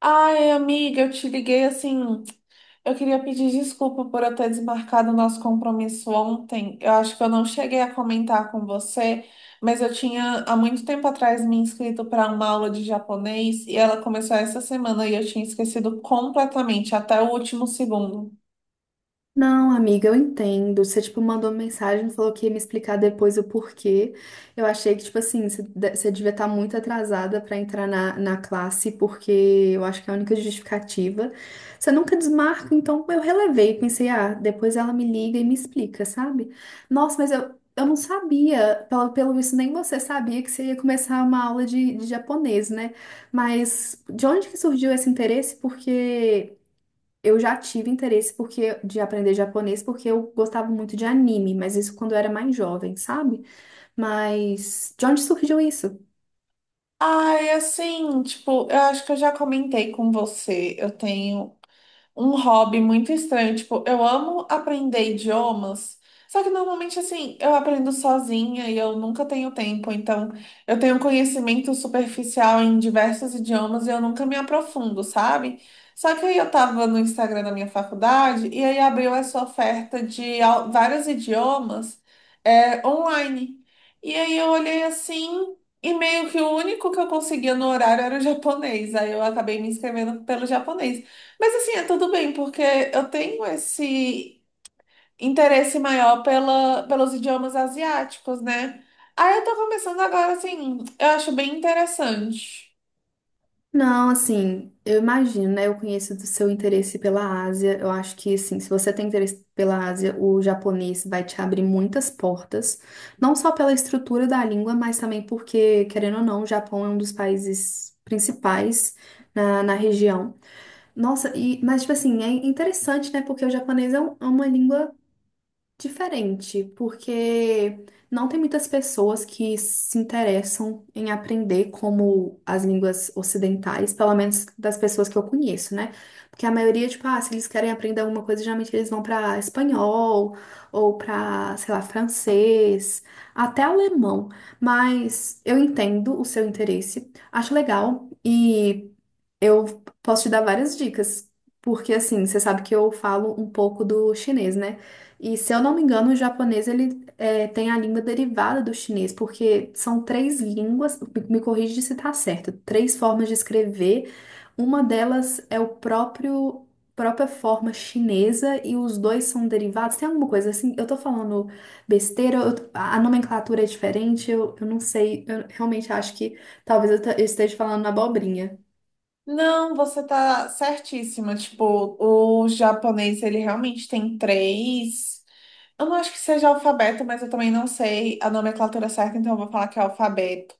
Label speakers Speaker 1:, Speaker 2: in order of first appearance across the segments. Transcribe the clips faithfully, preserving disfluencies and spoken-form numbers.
Speaker 1: Ai, amiga, eu te liguei assim. Eu queria pedir desculpa por eu ter desmarcado o nosso compromisso ontem. Eu acho que eu não cheguei a comentar com você, mas eu tinha há muito tempo atrás me inscrito para uma aula de japonês e ela começou essa semana e eu tinha esquecido completamente, até o último segundo.
Speaker 2: Não, amiga, eu entendo. Você, tipo, mandou uma mensagem, falou que ia me explicar depois o porquê. Eu achei que, tipo assim, você de- você devia estar muito atrasada para entrar na, na classe, porque eu acho que é a única justificativa. Você nunca desmarca, então eu relevei. Pensei, ah, depois ela me liga e me explica, sabe? Nossa, mas eu, eu não sabia, pelo, pelo visto, nem você sabia que você ia começar uma aula de, de japonês, né? Mas de onde que surgiu esse interesse? Porque. Eu já tive interesse porque de aprender japonês porque eu gostava muito de anime, mas isso quando eu era mais jovem, sabe? Mas de onde surgiu isso?
Speaker 1: Ai, assim, tipo, eu acho que eu já comentei com você. Eu tenho um hobby muito estranho. Tipo, eu amo aprender idiomas, só que normalmente, assim, eu aprendo sozinha e eu nunca tenho tempo. Então, eu tenho conhecimento superficial em diversos idiomas e eu nunca me aprofundo, sabe? Só que aí eu tava no Instagram da minha faculdade e aí abriu essa oferta de au- vários idiomas, é, online. E aí eu olhei assim. E meio que o único que eu conseguia no horário era o japonês. Aí eu acabei me inscrevendo pelo japonês. Mas assim, é tudo bem, porque eu tenho esse interesse maior pela, pelos idiomas asiáticos, né? Aí eu tô começando agora, assim, eu acho bem interessante.
Speaker 2: Não, assim, eu imagino, né? Eu conheço do seu interesse pela Ásia. Eu acho que, assim, se você tem interesse pela Ásia, o japonês vai te abrir muitas portas. Não só pela estrutura da língua, mas também porque, querendo ou não, o Japão é um dos países principais na, na região. Nossa, e, mas, tipo assim, é interessante, né? Porque o japonês é um- é uma língua. Diferente, porque não tem muitas pessoas que se interessam em aprender como as línguas ocidentais, pelo menos das pessoas que eu conheço, né? Porque a maioria, tipo, ah, se eles querem aprender alguma coisa, geralmente eles vão pra espanhol ou pra, sei lá, francês, até alemão. Mas eu entendo o seu interesse, acho legal e eu posso te dar várias dicas, porque assim, você sabe que eu falo um pouco do chinês, né? E se eu não me engano, o japonês ele é, tem a língua derivada do chinês, porque são três línguas, me me corrige se tá certo, três formas de escrever. Uma delas é o próprio própria forma chinesa e os dois são derivados. Tem alguma coisa assim? Eu tô falando besteira, eu- a nomenclatura é diferente, eu, eu não sei, eu realmente acho que talvez eu te- eu esteja falando abobrinha.
Speaker 1: Não, você tá certíssima. Tipo, o japonês, ele realmente tem três. Eu não acho que seja alfabeto, mas eu também não sei a nomenclatura certa, então eu vou falar que é alfabeto.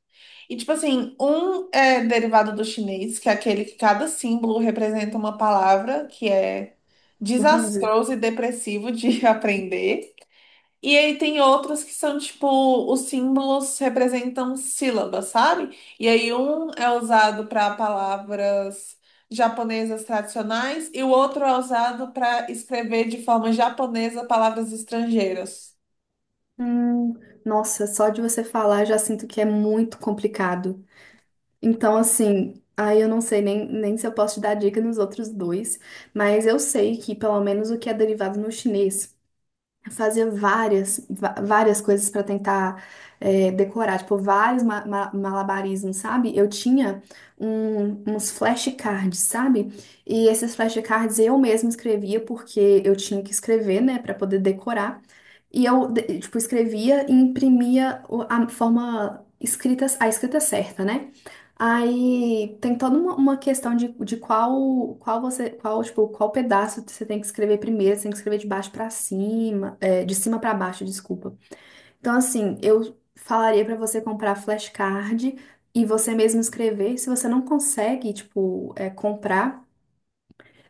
Speaker 1: E, tipo assim, um é derivado do chinês, que é aquele que cada símbolo representa uma palavra, que é desastroso e depressivo de aprender. E aí tem outros que são tipo, os símbolos representam sílabas, sabe? E aí um é usado para palavras japonesas tradicionais e o outro é usado para escrever de forma japonesa palavras estrangeiras.
Speaker 2: Hum, nossa, só de você falar já sinto que é muito complicado. Então, assim, aí eu não sei nem, nem se eu posso te dar dica nos outros dois, mas eu sei que pelo menos o que é derivado no chinês fazia várias, va- várias coisas para tentar é, decorar, tipo, vários ma- ma- malabarismos, sabe? Eu tinha um- uns flashcards, sabe? E esses flashcards eu mesma escrevia porque eu tinha que escrever, né, para poder decorar. E eu, de- tipo, escrevia e imprimia o- a forma escrita, a escrita certa, né? Aí tem toda uma, uma questão de, de qual qual você qual tipo qual pedaço você tem que escrever primeiro, você tem que escrever de baixo pra cima. É, de cima para baixo, desculpa. Então, assim, eu falaria para você comprar flashcard e você mesmo escrever. Se você não consegue, tipo, é, comprar,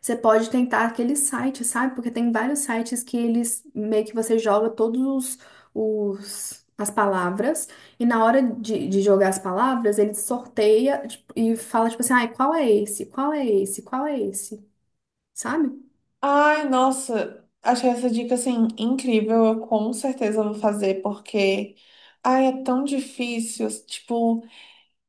Speaker 2: você pode tentar aquele site, sabe? Porque tem vários sites que eles meio que você joga todos os, os- as palavras e na hora de, de jogar as palavras, ele sorteia, tipo, e fala, tipo assim, ai, qual é esse? Qual é esse? Qual é esse? Sabe?
Speaker 1: Ai, nossa, achei essa dica assim incrível. Eu com certeza vou fazer porque ai, é tão difícil, tipo.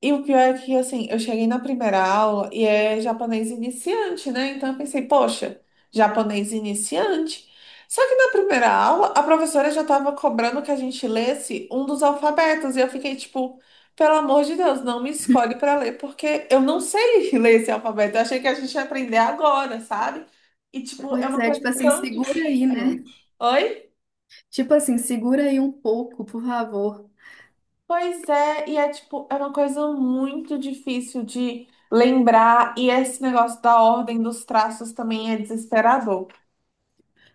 Speaker 1: E o pior é que, assim, eu cheguei na primeira aula e é japonês iniciante, né? Então eu pensei, poxa, japonês iniciante. Só que na primeira aula, a professora já estava cobrando que a gente lesse um dos alfabetos. E eu fiquei tipo, pelo amor de Deus, não me escolhe para ler, porque eu não sei ler esse alfabeto. Eu achei que a gente ia aprender agora, sabe? E, tipo, é
Speaker 2: Pois
Speaker 1: uma
Speaker 2: é,
Speaker 1: coisa
Speaker 2: tipo assim,
Speaker 1: tão
Speaker 2: segura aí,
Speaker 1: difícil.
Speaker 2: né?
Speaker 1: Oi?
Speaker 2: Tipo assim, segura aí um pouco, por favor.
Speaker 1: Pois é, e é tipo, é uma coisa muito difícil de lembrar, e esse negócio da ordem dos traços também é desesperador.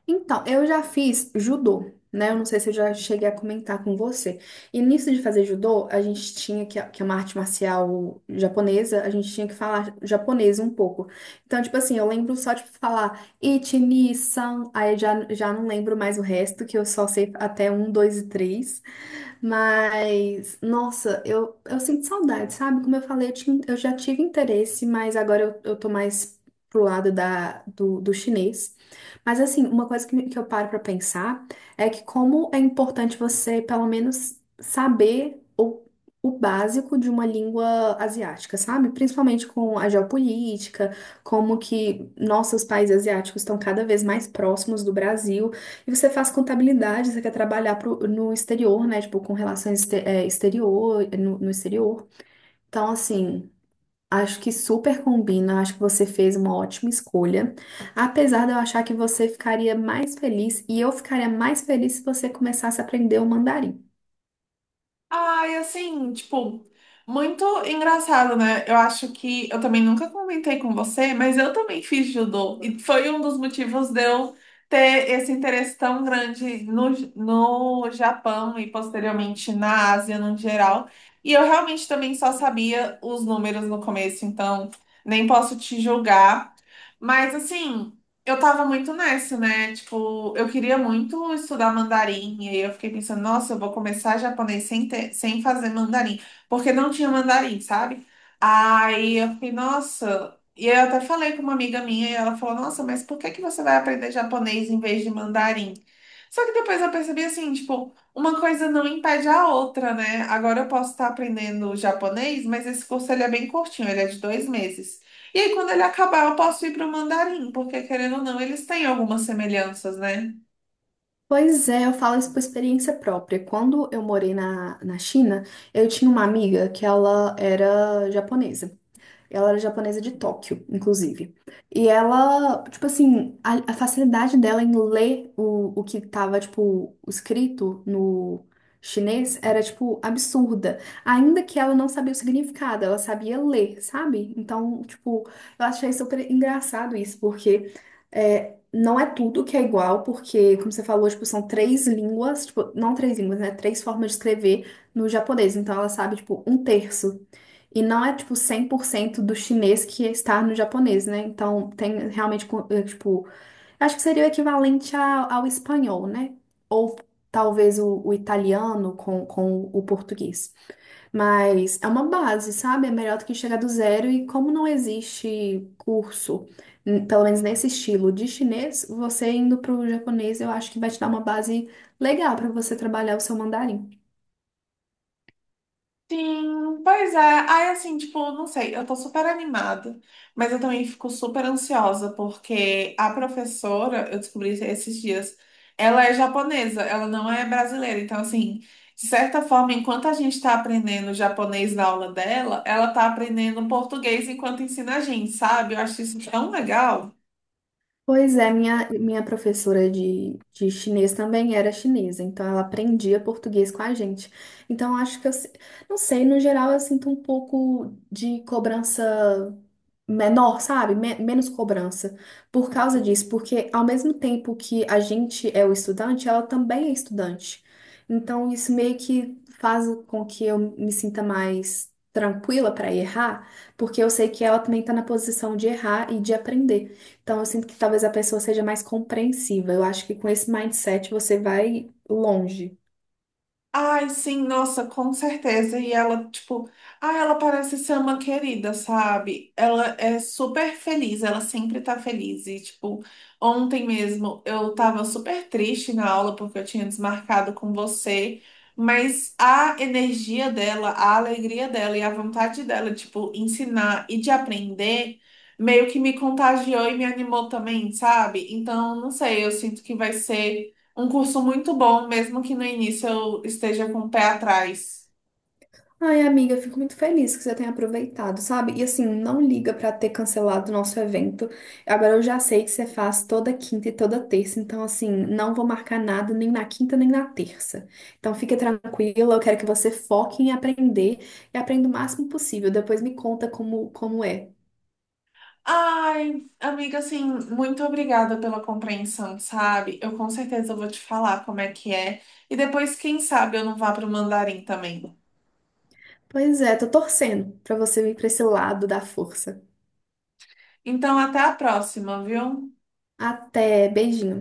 Speaker 2: Então, eu já fiz judô, né? Eu não sei se eu já cheguei a comentar com você. E nisso de fazer judô, a gente tinha que, que é uma arte marcial japonesa, a gente tinha que falar japonês um pouco. Então, tipo assim, eu lembro só de falar ichi, ni, san, aí eu já, já não lembro mais o resto, que eu só sei até um, dois e três. Mas, nossa, eu, eu sinto saudade, sabe? Como eu falei, eu, tinha- eu já tive interesse, mas agora eu, eu tô mais pro lado da, do, do chinês. Mas assim, uma coisa que, que eu paro pra pensar é que como é importante você, pelo menos, saber o, o básico de uma língua asiática, sabe? Principalmente com a geopolítica, como que nossos países asiáticos estão cada vez mais próximos do Brasil. E você faz contabilidade, você quer trabalhar pro- no exterior, né? Tipo, com relações este- eh, exterior, no no exterior. Então, assim. Acho que super combina, acho que você fez uma ótima escolha. Apesar de eu achar que você ficaria mais feliz e eu ficaria mais feliz se você começasse a aprender o mandarim.
Speaker 1: Ai, assim, tipo, muito engraçado, né? Eu acho que eu também nunca comentei com você, mas eu também fiz judô. E foi um dos motivos de eu ter esse interesse tão grande no, no Japão e posteriormente na Ásia no geral. E eu realmente também só sabia os números no começo, então nem posso te julgar. Mas assim. Eu tava muito nessa, né? Tipo, eu queria muito estudar mandarim, e aí eu fiquei pensando, nossa, eu vou começar japonês sem ter, sem fazer mandarim, porque não tinha mandarim, sabe? Aí eu fiquei, nossa. E aí eu até falei com uma amiga minha, e ela falou, nossa, mas por que que você vai aprender japonês em vez de mandarim? Só que depois eu percebi assim, tipo, uma coisa não impede a outra, né? Agora eu posso estar aprendendo japonês, mas esse curso ele é bem curtinho, ele é de dois meses. E aí, quando ele acabar, eu posso ir para o mandarim, porque querendo ou não, eles têm algumas semelhanças, né?
Speaker 2: Pois é, eu falo isso por experiência própria. Quando eu morei na, na China, eu tinha uma amiga que ela era japonesa. Ela era japonesa de Tóquio, inclusive. E ela, tipo assim, a, a facilidade dela em ler o, o que tava, tipo, escrito no chinês era, tipo, absurda. Ainda que ela não sabia o significado, ela sabia ler, sabe? Então, tipo, eu achei super engraçado isso, porque é, não é tudo que é igual, porque, como você falou, tipo, são três línguas, tipo, não três línguas, né? Três formas de escrever no japonês. Então, ela sabe, tipo, um terço. E não é, tipo, cem por cento do chinês que está no japonês, né? Então, tem realmente, co- eh, tipo, acho que seria o equivalente a- ao espanhol, né? Ou talvez o, o italiano com, com o português. Mas é uma base, sabe? É melhor do que chegar do zero. E como não existe curso, n- pelo menos nesse estilo de chinês, você indo para o japonês, eu acho que vai te dar uma base legal para você trabalhar o seu mandarim.
Speaker 1: Sim, pois é, aí assim, tipo, não sei, eu tô super animada, mas eu também fico super ansiosa, porque a professora, eu descobri esses dias, ela é japonesa, ela não é brasileira, então assim, de certa forma, enquanto a gente tá aprendendo japonês na aula dela, ela tá aprendendo português enquanto ensina a gente, sabe? Eu acho isso tão legal.
Speaker 2: Pois é, minha, minha professora de, de chinês também era chinesa, então ela aprendia português com a gente. Então acho que eu, se- não sei, no geral eu sinto um pouco de cobrança menor, sabe? Me- menos cobrança por causa disso, porque ao mesmo tempo que a gente é o estudante, ela também é estudante. Então isso meio que faz com que eu me sinta mais tranquila para errar, porque eu sei que ela também está na posição de errar e de aprender. Então, eu sinto que talvez a pessoa seja mais compreensiva. Eu acho que com esse mindset você vai longe.
Speaker 1: Ai, sim, nossa, com certeza. E ela, tipo, ah, ela parece ser uma querida, sabe? Ela é super feliz, ela sempre tá feliz. E, tipo, ontem mesmo eu tava super triste na aula porque eu tinha desmarcado com você, mas a energia dela, a alegria dela e a vontade dela, tipo, ensinar e de aprender, meio que me contagiou e me animou também, sabe? Então, não sei, eu sinto que vai ser um curso muito bom, mesmo que no início eu esteja com o pé atrás.
Speaker 2: Ai, amiga, eu fico muito feliz que você tenha aproveitado, sabe? E assim, não liga pra ter cancelado o nosso evento. Agora eu já sei que você faz toda quinta e toda terça, então assim, não vou marcar nada nem na quinta nem na terça. Então fica tranquila, eu quero que você foque em aprender e aprenda o máximo possível. Depois me conta como, como é.
Speaker 1: Ai, amiga, assim, muito obrigada pela compreensão, sabe? Eu com certeza vou te falar como é que é. E depois, quem sabe, eu não vá para o Mandarim também.
Speaker 2: Pois é, tô torcendo pra você vir pra esse lado da força.
Speaker 1: Então, até a próxima, viu?
Speaker 2: Até, beijinho.